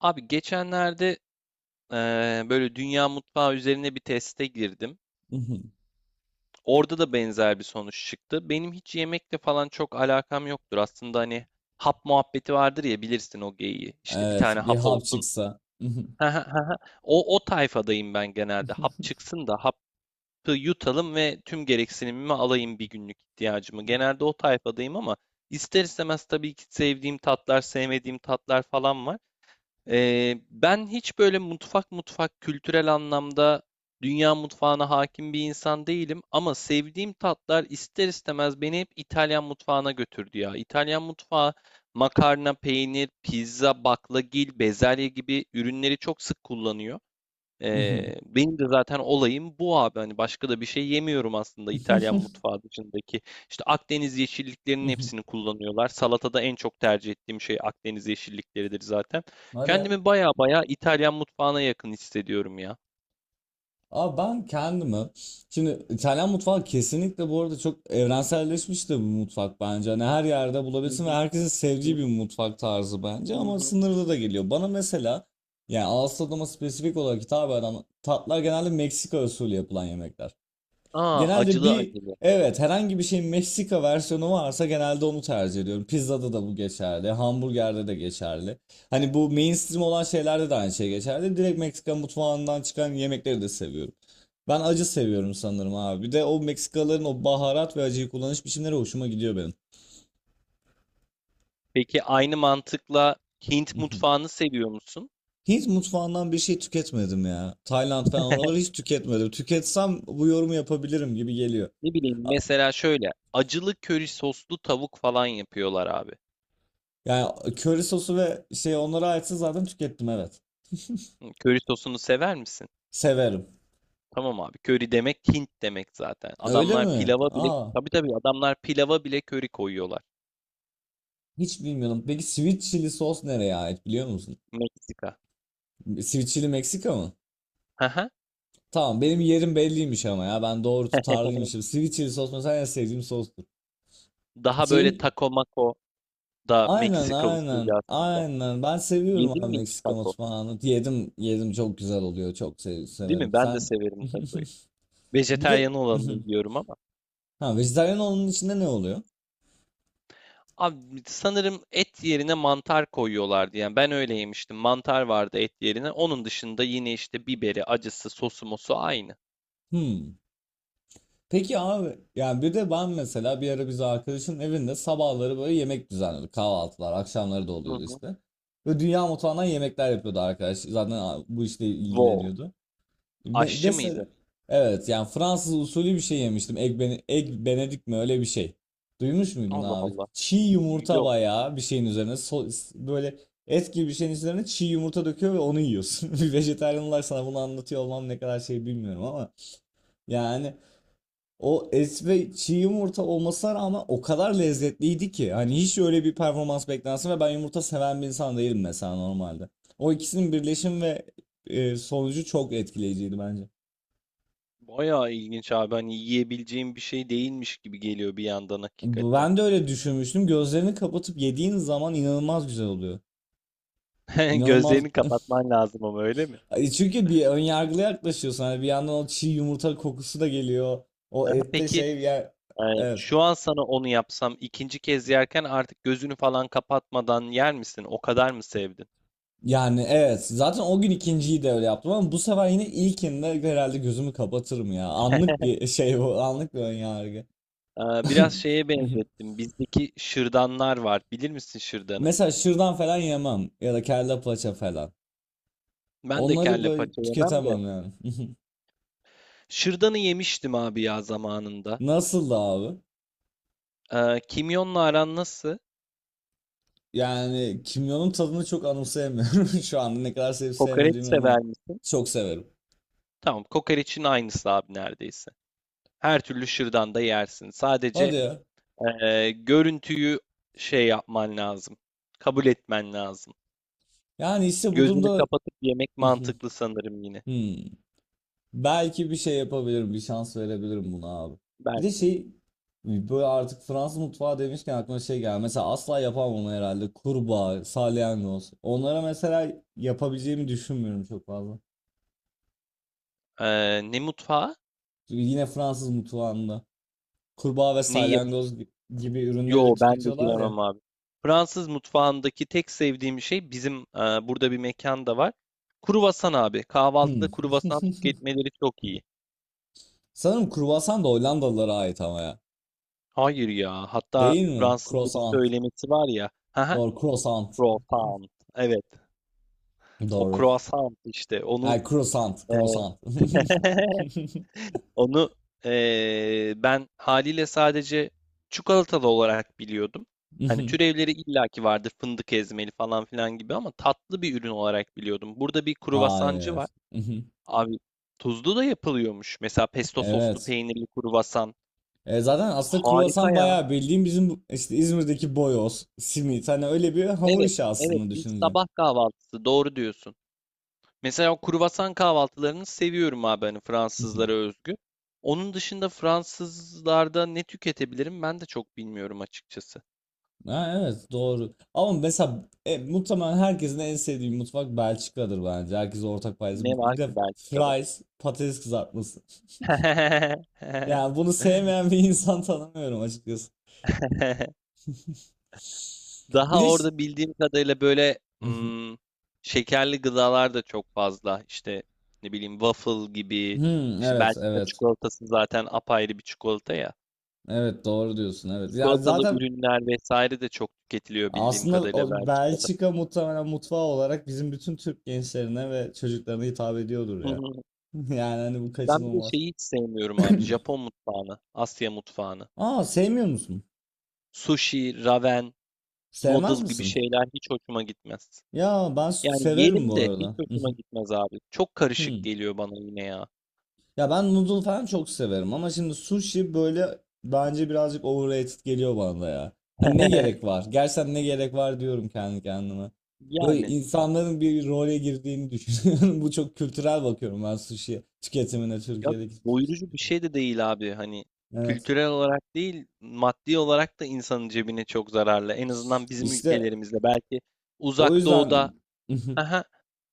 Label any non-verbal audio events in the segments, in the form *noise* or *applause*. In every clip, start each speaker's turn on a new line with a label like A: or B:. A: Abi geçenlerde böyle dünya mutfağı üzerine bir teste girdim.
B: *laughs* Mhm.
A: Orada da benzer bir sonuç çıktı. Benim hiç yemekle falan çok alakam yoktur. Aslında hani hap muhabbeti vardır ya, bilirsin o geyiği. İşte bir
B: Evet,
A: tane
B: bir
A: hap
B: hap
A: olsun.
B: çıksa. *laughs* Mhm.
A: *laughs* O tayfadayım ben genelde. Hap çıksın da hapı yutalım ve tüm gereksinimimi alayım, bir günlük ihtiyacımı. Genelde o tayfadayım ama ister istemez tabii ki sevdiğim tatlar, sevmediğim tatlar falan var. Ben hiç böyle mutfak kültürel anlamda dünya mutfağına hakim bir insan değilim ama sevdiğim tatlar ister istemez beni hep İtalyan mutfağına götürdü ya. İtalyan mutfağı makarna, peynir, pizza, baklagil, bezelye gibi ürünleri çok sık kullanıyor.
B: Mhm.
A: Benim de zaten olayım bu abi. Hani başka da bir şey yemiyorum aslında İtalyan mutfağı dışındaki. İşte Akdeniz yeşilliklerinin
B: Mhm.
A: hepsini kullanıyorlar. Salatada en çok tercih ettiğim şey Akdeniz yeşillikleridir zaten.
B: Hadi ya.
A: Kendimi baya baya İtalyan mutfağına yakın hissediyorum ya.
B: Abi ben kendimi şimdi İtalyan mutfağı kesinlikle bu arada çok evrenselleşmiş de bir mutfak bence. Hani her yerde
A: Hı
B: bulabilirsin ve
A: hı,
B: herkesin
A: hı
B: sevdiği bir
A: hı,
B: mutfak tarzı bence
A: hı
B: ama
A: hı.
B: sınırlı da geliyor. Bana mesela yani ağız tadıma spesifik olarak hitap eden tatlar genelde Meksika usulü yapılan yemekler.
A: Aa,
B: Genelde
A: acılı
B: bir
A: acılı.
B: evet, herhangi bir şeyin Meksika versiyonu varsa genelde onu tercih ediyorum. Pizzada da bu geçerli, hamburgerde de geçerli. Hani bu mainstream olan şeylerde de aynı şey geçerli. Direkt Meksika mutfağından çıkan yemekleri de seviyorum. Ben acı seviyorum sanırım abi. Bir de o Meksikaların o baharat ve acıyı kullanış biçimleri hoşuma gidiyor benim.
A: Peki aynı mantıkla Hint mutfağını seviyor musun?
B: Hint mutfağından bir şey tüketmedim ya. Tayland falan oraları hiç
A: *laughs*
B: tüketmedim. Tüketsem bu yorumu yapabilirim gibi geliyor.
A: Ne bileyim,
B: A-
A: mesela şöyle acılı köri soslu tavuk falan yapıyorlar abi.
B: Yani köri sosu ve şey onlara aitse zaten tükettim, evet.
A: Hı, köri sosunu sever misin?
B: Severim.
A: Tamam abi. Köri demek Hint demek zaten.
B: Öyle
A: Adamlar
B: mi?
A: pilava bile,
B: Aa,
A: tabii adamlar pilava bile köri koyuyorlar.
B: hiç bilmiyorum. Peki sweet chili sos nereye ait biliyor musun?
A: Meksika.
B: Sweet chili Meksika mı?
A: Hı hı.
B: Tamam, benim yerim belliymiş ama ya ben doğru tutarlıymışım. Sweet chili sos mesela en sevdiğim sostur.
A: Daha böyle
B: Şeyim
A: taco mako da
B: aynen,
A: Meksika usulü
B: aynen,
A: aslında.
B: aynen, ben seviyorum
A: Yedin
B: abi
A: mi hiç
B: Meksika
A: taco?
B: mutfağını. Yedim, yedim, çok güzel oluyor, çok
A: Değil
B: severim.
A: mi? Ben de
B: Sen
A: severim tacoyu.
B: *laughs* bir
A: Vejetaryen
B: de
A: olanını
B: *laughs*
A: yiyorum ama.
B: ha, vejetaryen olanın içinde ne oluyor?
A: Abi sanırım et yerine mantar koyuyorlardı. Yani ben öyle yemiştim. Mantar vardı et yerine. Onun dışında yine işte biberi, acısı, sosu mosu aynı.
B: Hmm. Peki abi, yani bir de ben mesela bir ara biz arkadaşın evinde sabahları böyle yemek düzenliyorduk. Kahvaltılar, akşamları da
A: Hı
B: oluyordu
A: hı.
B: işte. Ve dünya mutfağından yemekler yapıyordu arkadaş. Zaten bu işle
A: Wow.
B: ilgileniyordu.
A: Aşçı mıydı?
B: Mesela evet, yani Fransız usulü bir şey yemiştim. Egg, egg benedict mi öyle bir şey. Duymuş muydun
A: Allah
B: abi?
A: Allah.
B: Çiğ yumurta
A: Yok.
B: bayağı bir şeyin üzerine böyle et gibi bir şeyin üzerine çiğ yumurta döküyor ve onu yiyorsun. *laughs* Bir vejetaryen olarak sana bunu anlatıyor olmam ne kadar şey bilmiyorum ama yani o esve çiğ yumurta olmasına rağmen o kadar lezzetliydi ki. Hani hiç öyle bir performans beklensin ve ben yumurta seven bir insan değilim mesela normalde. O ikisinin birleşim ve sonucu çok etkileyiciydi bence.
A: Bayağı ilginç abi. Hani yiyebileceğim bir şey değilmiş gibi geliyor bir yandan hakikaten.
B: Ben de öyle düşünmüştüm. Gözlerini kapatıp yediğin zaman inanılmaz güzel oluyor.
A: *laughs*
B: İnanılmaz.
A: Gözlerini kapatman lazım ama, öyle mi?
B: Ay, çünkü bir ön yargılı yaklaşıyorsun. Hani bir yandan o çiğ yumurta kokusu da geliyor. O
A: Aha,
B: ette
A: peki.
B: şey ya, evet.
A: Şu an sana onu yapsam, ikinci kez yerken artık gözünü falan kapatmadan yer misin? O kadar mı sevdin?
B: Yani evet, zaten o gün ikinciyi de öyle yaptım ama bu sefer yine ilkinde herhalde gözümü kapatırım ya. Anlık bir şey bu, anlık bir önyargı.
A: Biraz şeye
B: *laughs*
A: benzettim. Bizdeki şırdanlar var. Bilir misin şırdanı?
B: Mesela şırdan falan yemem ya da kelle paça falan.
A: Ben de
B: Onları
A: kelle
B: böyle
A: paça yemem de.
B: tüketemem yani. *laughs*
A: Şırdanı yemiştim abi ya zamanında.
B: Nasıldı abi?
A: Kimyonla aran nasıl?
B: Yani kimyonun tadını çok anımsayamıyorum *laughs* şu anda, ne kadar sevip
A: Kokoreç
B: sevmediğime emin ol.
A: sever misin?
B: Çok severim.
A: Tamam, kokoreçin aynısı abi neredeyse. Her türlü şırdan da yersin. Sadece
B: Hadi ya.
A: görüntüyü şey yapman lazım. Kabul etmen lazım.
B: Yani işte bu
A: Gözünü
B: durumda
A: kapatıp yemek
B: *laughs*
A: mantıklı sanırım yine.
B: hmm. Belki bir şey yapabilirim, bir şans verebilirim buna abi. Bir de
A: Belki.
B: şey, böyle artık Fransız mutfağı demişken aklıma şey geldi. Mesela asla yapamam onu herhalde, kurbağa, salyangoz. Onlara mesela yapabileceğimi düşünmüyorum çok fazla.
A: Ne mutfağı?
B: Çünkü yine Fransız mutfağında kurbağa ve
A: Neyi yap?
B: salyangoz gibi ürünleri de
A: Yo, ben de
B: tüketiyorlar ya.
A: giremem abi. Fransız mutfağındaki tek sevdiğim şey bizim, burada bir mekan da var. Kruvasan abi.
B: Hmm.
A: Kahvaltıda kruvasan
B: *laughs*
A: tüketmeleri çok iyi.
B: Sanırım kruvasan da Hollandalılara ait ama ya.
A: Hayır ya. Hatta
B: Değil mi?
A: Fransızca bir
B: Croissant.
A: söylemesi var ya. Haha.
B: Doğru, croissant.
A: Croissant. Evet. O
B: Doğru.
A: croissant işte.
B: Yani croissant,
A: E,
B: croissant.
A: *laughs* Onu Ben haliyle sadece çikolatalı olarak biliyordum. Hani
B: *laughs*
A: türevleri illaki vardı, fındık ezmeli falan filan gibi, ama tatlı bir ürün olarak biliyordum. Burada bir kruvasancı var.
B: Hayır. *laughs* Mhm.
A: Abi tuzlu da yapılıyormuş. Mesela pesto soslu
B: Evet.
A: peynirli kruvasan.
B: E, zaten aslında
A: Harika
B: kruvasan
A: ya.
B: bayağı bildiğim bizim işte İzmir'deki boyoz, simit, hani öyle bir hamur
A: Evet,
B: işi
A: evet,
B: aslında,
A: biz
B: düşüneceğim.
A: sabah kahvaltısı, doğru diyorsun. Mesela o kruvasan kahvaltılarını seviyorum abi, hani
B: *laughs*
A: Fransızlara
B: Mhm.
A: özgü. Onun dışında Fransızlarda ne tüketebilirim ben de çok bilmiyorum açıkçası.
B: Ha, evet, doğru. Ama mesela muhtemelen herkesin en sevdiği mutfak Belçika'dır bence. Herkes ortak paydası.
A: Ne
B: Bir
A: var
B: de
A: ki Belçika'da?
B: fries, patates kızartması.
A: *laughs*
B: Yani bunu sevmeyen bir *laughs* insan tanımıyorum açıkçası. Bir
A: Daha
B: de
A: orada bildiğim kadarıyla böyle, şekerli gıdalar da çok fazla. İşte ne bileyim, waffle
B: *laughs*
A: gibi.
B: hmm,
A: İşte
B: evet,
A: Belçika
B: evet.
A: çikolatası zaten apayrı bir çikolata ya.
B: Evet, doğru diyorsun, evet. Ya
A: Çikolatalı
B: zaten
A: ürünler vesaire de çok tüketiliyor bildiğim
B: aslında
A: kadarıyla
B: o
A: Belçika'da.
B: Belçika
A: *laughs*
B: muhtemelen mutfağı olarak bizim bütün Türk gençlerine ve çocuklarına hitap ediyordur
A: Hı
B: ya.
A: hı.
B: *laughs* Yani hani bu
A: Ben bir de
B: kaçınılmaz.
A: şeyi hiç sevmiyorum abi. Japon mutfağını, Asya mutfağını.
B: Aa, sevmiyor musun?
A: Sushi, ramen,
B: Sevmez
A: noodle gibi
B: misin?
A: şeyler hiç hoşuma gitmez.
B: Ya ben
A: Yani
B: severim
A: yerim
B: bu
A: de hiç
B: arada. *laughs*
A: hoşuma gitmez abi. Çok karışık
B: Hmm.
A: geliyor bana yine ya.
B: Ya ben noodle falan çok severim ama şimdi sushi böyle, bence birazcık overrated geliyor bana da ya. Hani ne gerek
A: *laughs*
B: var? Gerçekten ne gerek var diyorum kendi kendime. Böyle
A: Yani
B: insanların bir role girdiğini düşünüyorum. *laughs* Bu çok kültürel, bakıyorum ben sushi tüketimine
A: ya,
B: Türkiye'deki. Sushi.
A: doyurucu bir şey de değil abi. Hani
B: Evet.
A: kültürel olarak değil, maddi olarak da insanın cebine çok zararlı. En azından bizim
B: İşte
A: ülkelerimizde belki.
B: o
A: Uzak doğuda,
B: yüzden *laughs*
A: aha,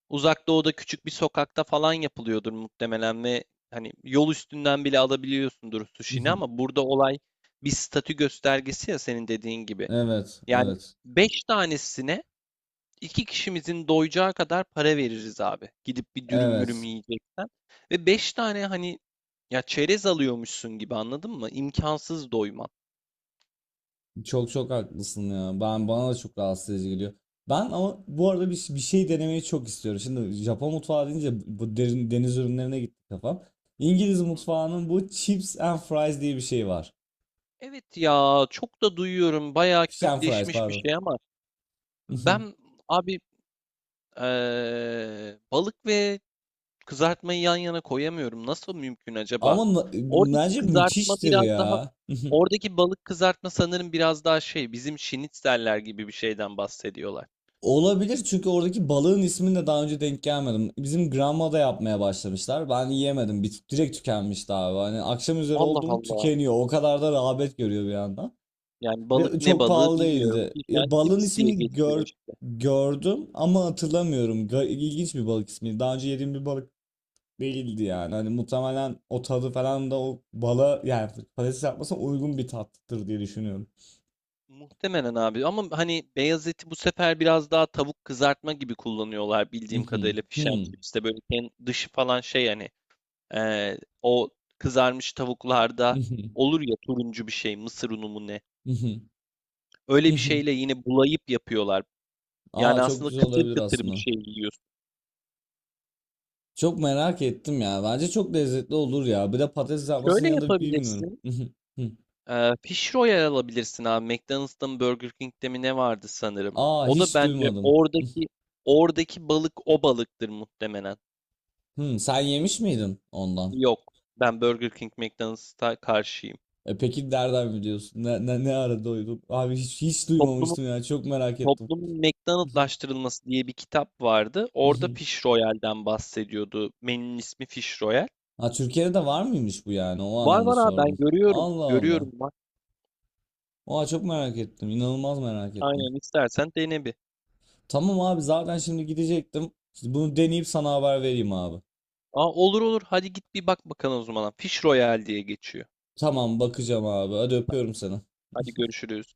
A: uzak doğuda küçük bir sokakta falan yapılıyordur muhtemelen ve hani yol üstünden bile alabiliyorsundur sushi'ni, ama burada olay bir statü göstergesi ya, senin dediğin gibi.
B: evet,
A: Yani
B: evet.
A: 5 tanesine İki kişimizin doyacağı kadar para veririz abi. Gidip bir dürüm mürüm
B: Evet.
A: yiyeceksen. Ve beş tane, hani ya çerez alıyormuşsun gibi, anladın mı? İmkansız doyman.
B: Çok çok haklısın ya. Ben, bana da çok rahatsız edici geliyor. Ben ama bu arada bir şey denemeyi çok istiyorum. Şimdi Japon mutfağı deyince bu derin, deniz ürünlerine gitti kafam. İngiliz
A: Hı hı.
B: mutfağının bu chips and fries diye bir şey var.
A: Evet ya, çok da duyuyorum, bayağı
B: Fish and fries,
A: kültleşmiş bir
B: pardon.
A: şey ama ben
B: *laughs*
A: abi balık ve kızartmayı yan yana koyamıyorum. Nasıl mümkün acaba?
B: Ama
A: Oradaki
B: bence
A: kızartma
B: müthiştir
A: biraz daha,
B: ya. *laughs*
A: oradaki balık kızartma sanırım biraz daha şey, bizim şinitzeller gibi bir şeyden bahsediyorlar.
B: Olabilir, çünkü oradaki balığın ismini de daha önce denk gelmedim. Bizim Granma'da yapmaya başlamışlar. Ben yiyemedim. Bir, direkt tükenmişti abi. Hani akşam üzeri
A: Allah
B: oldu mu
A: Allah.
B: tükeniyor. O kadar da rağbet görüyor bir yandan.
A: Yani balık,
B: Ve
A: ne
B: çok
A: balığı
B: pahalı
A: bilmiyorum.
B: değildi.
A: Fish
B: Ya,
A: and
B: balığın
A: chips diye
B: ismini
A: geçiyor işte.
B: gördüm ama hatırlamıyorum. İlginç bir balık ismi. Daha önce yediğim bir balık değildi yani. Hani muhtemelen o tadı falan da o bala, yani patates yapmasına uygun bir tattır diye düşünüyorum.
A: Muhtemelen abi ama hani beyaz eti bu sefer biraz daha tavuk kızartma gibi kullanıyorlar bildiğim
B: Mhm,
A: kadarıyla, fish and
B: hmm,
A: chips'te böyle ken- dışı falan şey, hani o kızarmış tavuklarda
B: mhm,
A: olur ya, turuncu bir şey, mısır unu mu ne,
B: mhm,
A: öyle bir
B: mhm.
A: şeyle yine bulayıp yapıyorlar.
B: Aa,
A: Yani
B: çok
A: aslında
B: güzel
A: kıtır
B: olabilir
A: kıtır bir
B: aslında.
A: şey yiyorsun.
B: Çok merak ettim ya. Bence çok lezzetli olur ya. Bir de patates yapmasının
A: Şöyle
B: yanında bilmiyorum.
A: yapabilirsin.
B: *laughs*
A: Fish Royal alabilirsin abi. McDonald's'ta mı, Burger King'de mi ne vardı sanırım.
B: Aa,
A: O da
B: hiç
A: bence
B: duymadım.
A: oradaki, oradaki balık o balıktır muhtemelen.
B: Hmm, sen yemiş miydin ondan?
A: Yok. Ben Burger King McDonald's'a karşıyım.
B: E peki nereden biliyorsun? Ne ara duydun? Abi hiç
A: Toplumun
B: duymamıştım ya. Çok merak ettim.
A: toplumun McDonald'laştırılması diye bir kitap vardı. Orada
B: *laughs*
A: Fish Royal'den bahsediyordu. Menünün ismi Fish Royal.
B: Ha, Türkiye'de de var mıymış bu yani? O
A: Var
B: anlamda
A: var abi, ben
B: sordum.
A: görüyorum.
B: Allah
A: Görüyorum
B: Allah.
A: bak.
B: Oha, çok merak ettim. İnanılmaz merak ettim.
A: Aynen, istersen dene bir.
B: Tamam abi, zaten şimdi gidecektim. Bunu deneyip sana haber vereyim abi.
A: Aa, olur olur. Hadi git bir bak bakalım o zaman. Fish Royale diye geçiyor.
B: Tamam, bakacağım abi. Hadi, öpüyorum seni.
A: Hadi görüşürüz.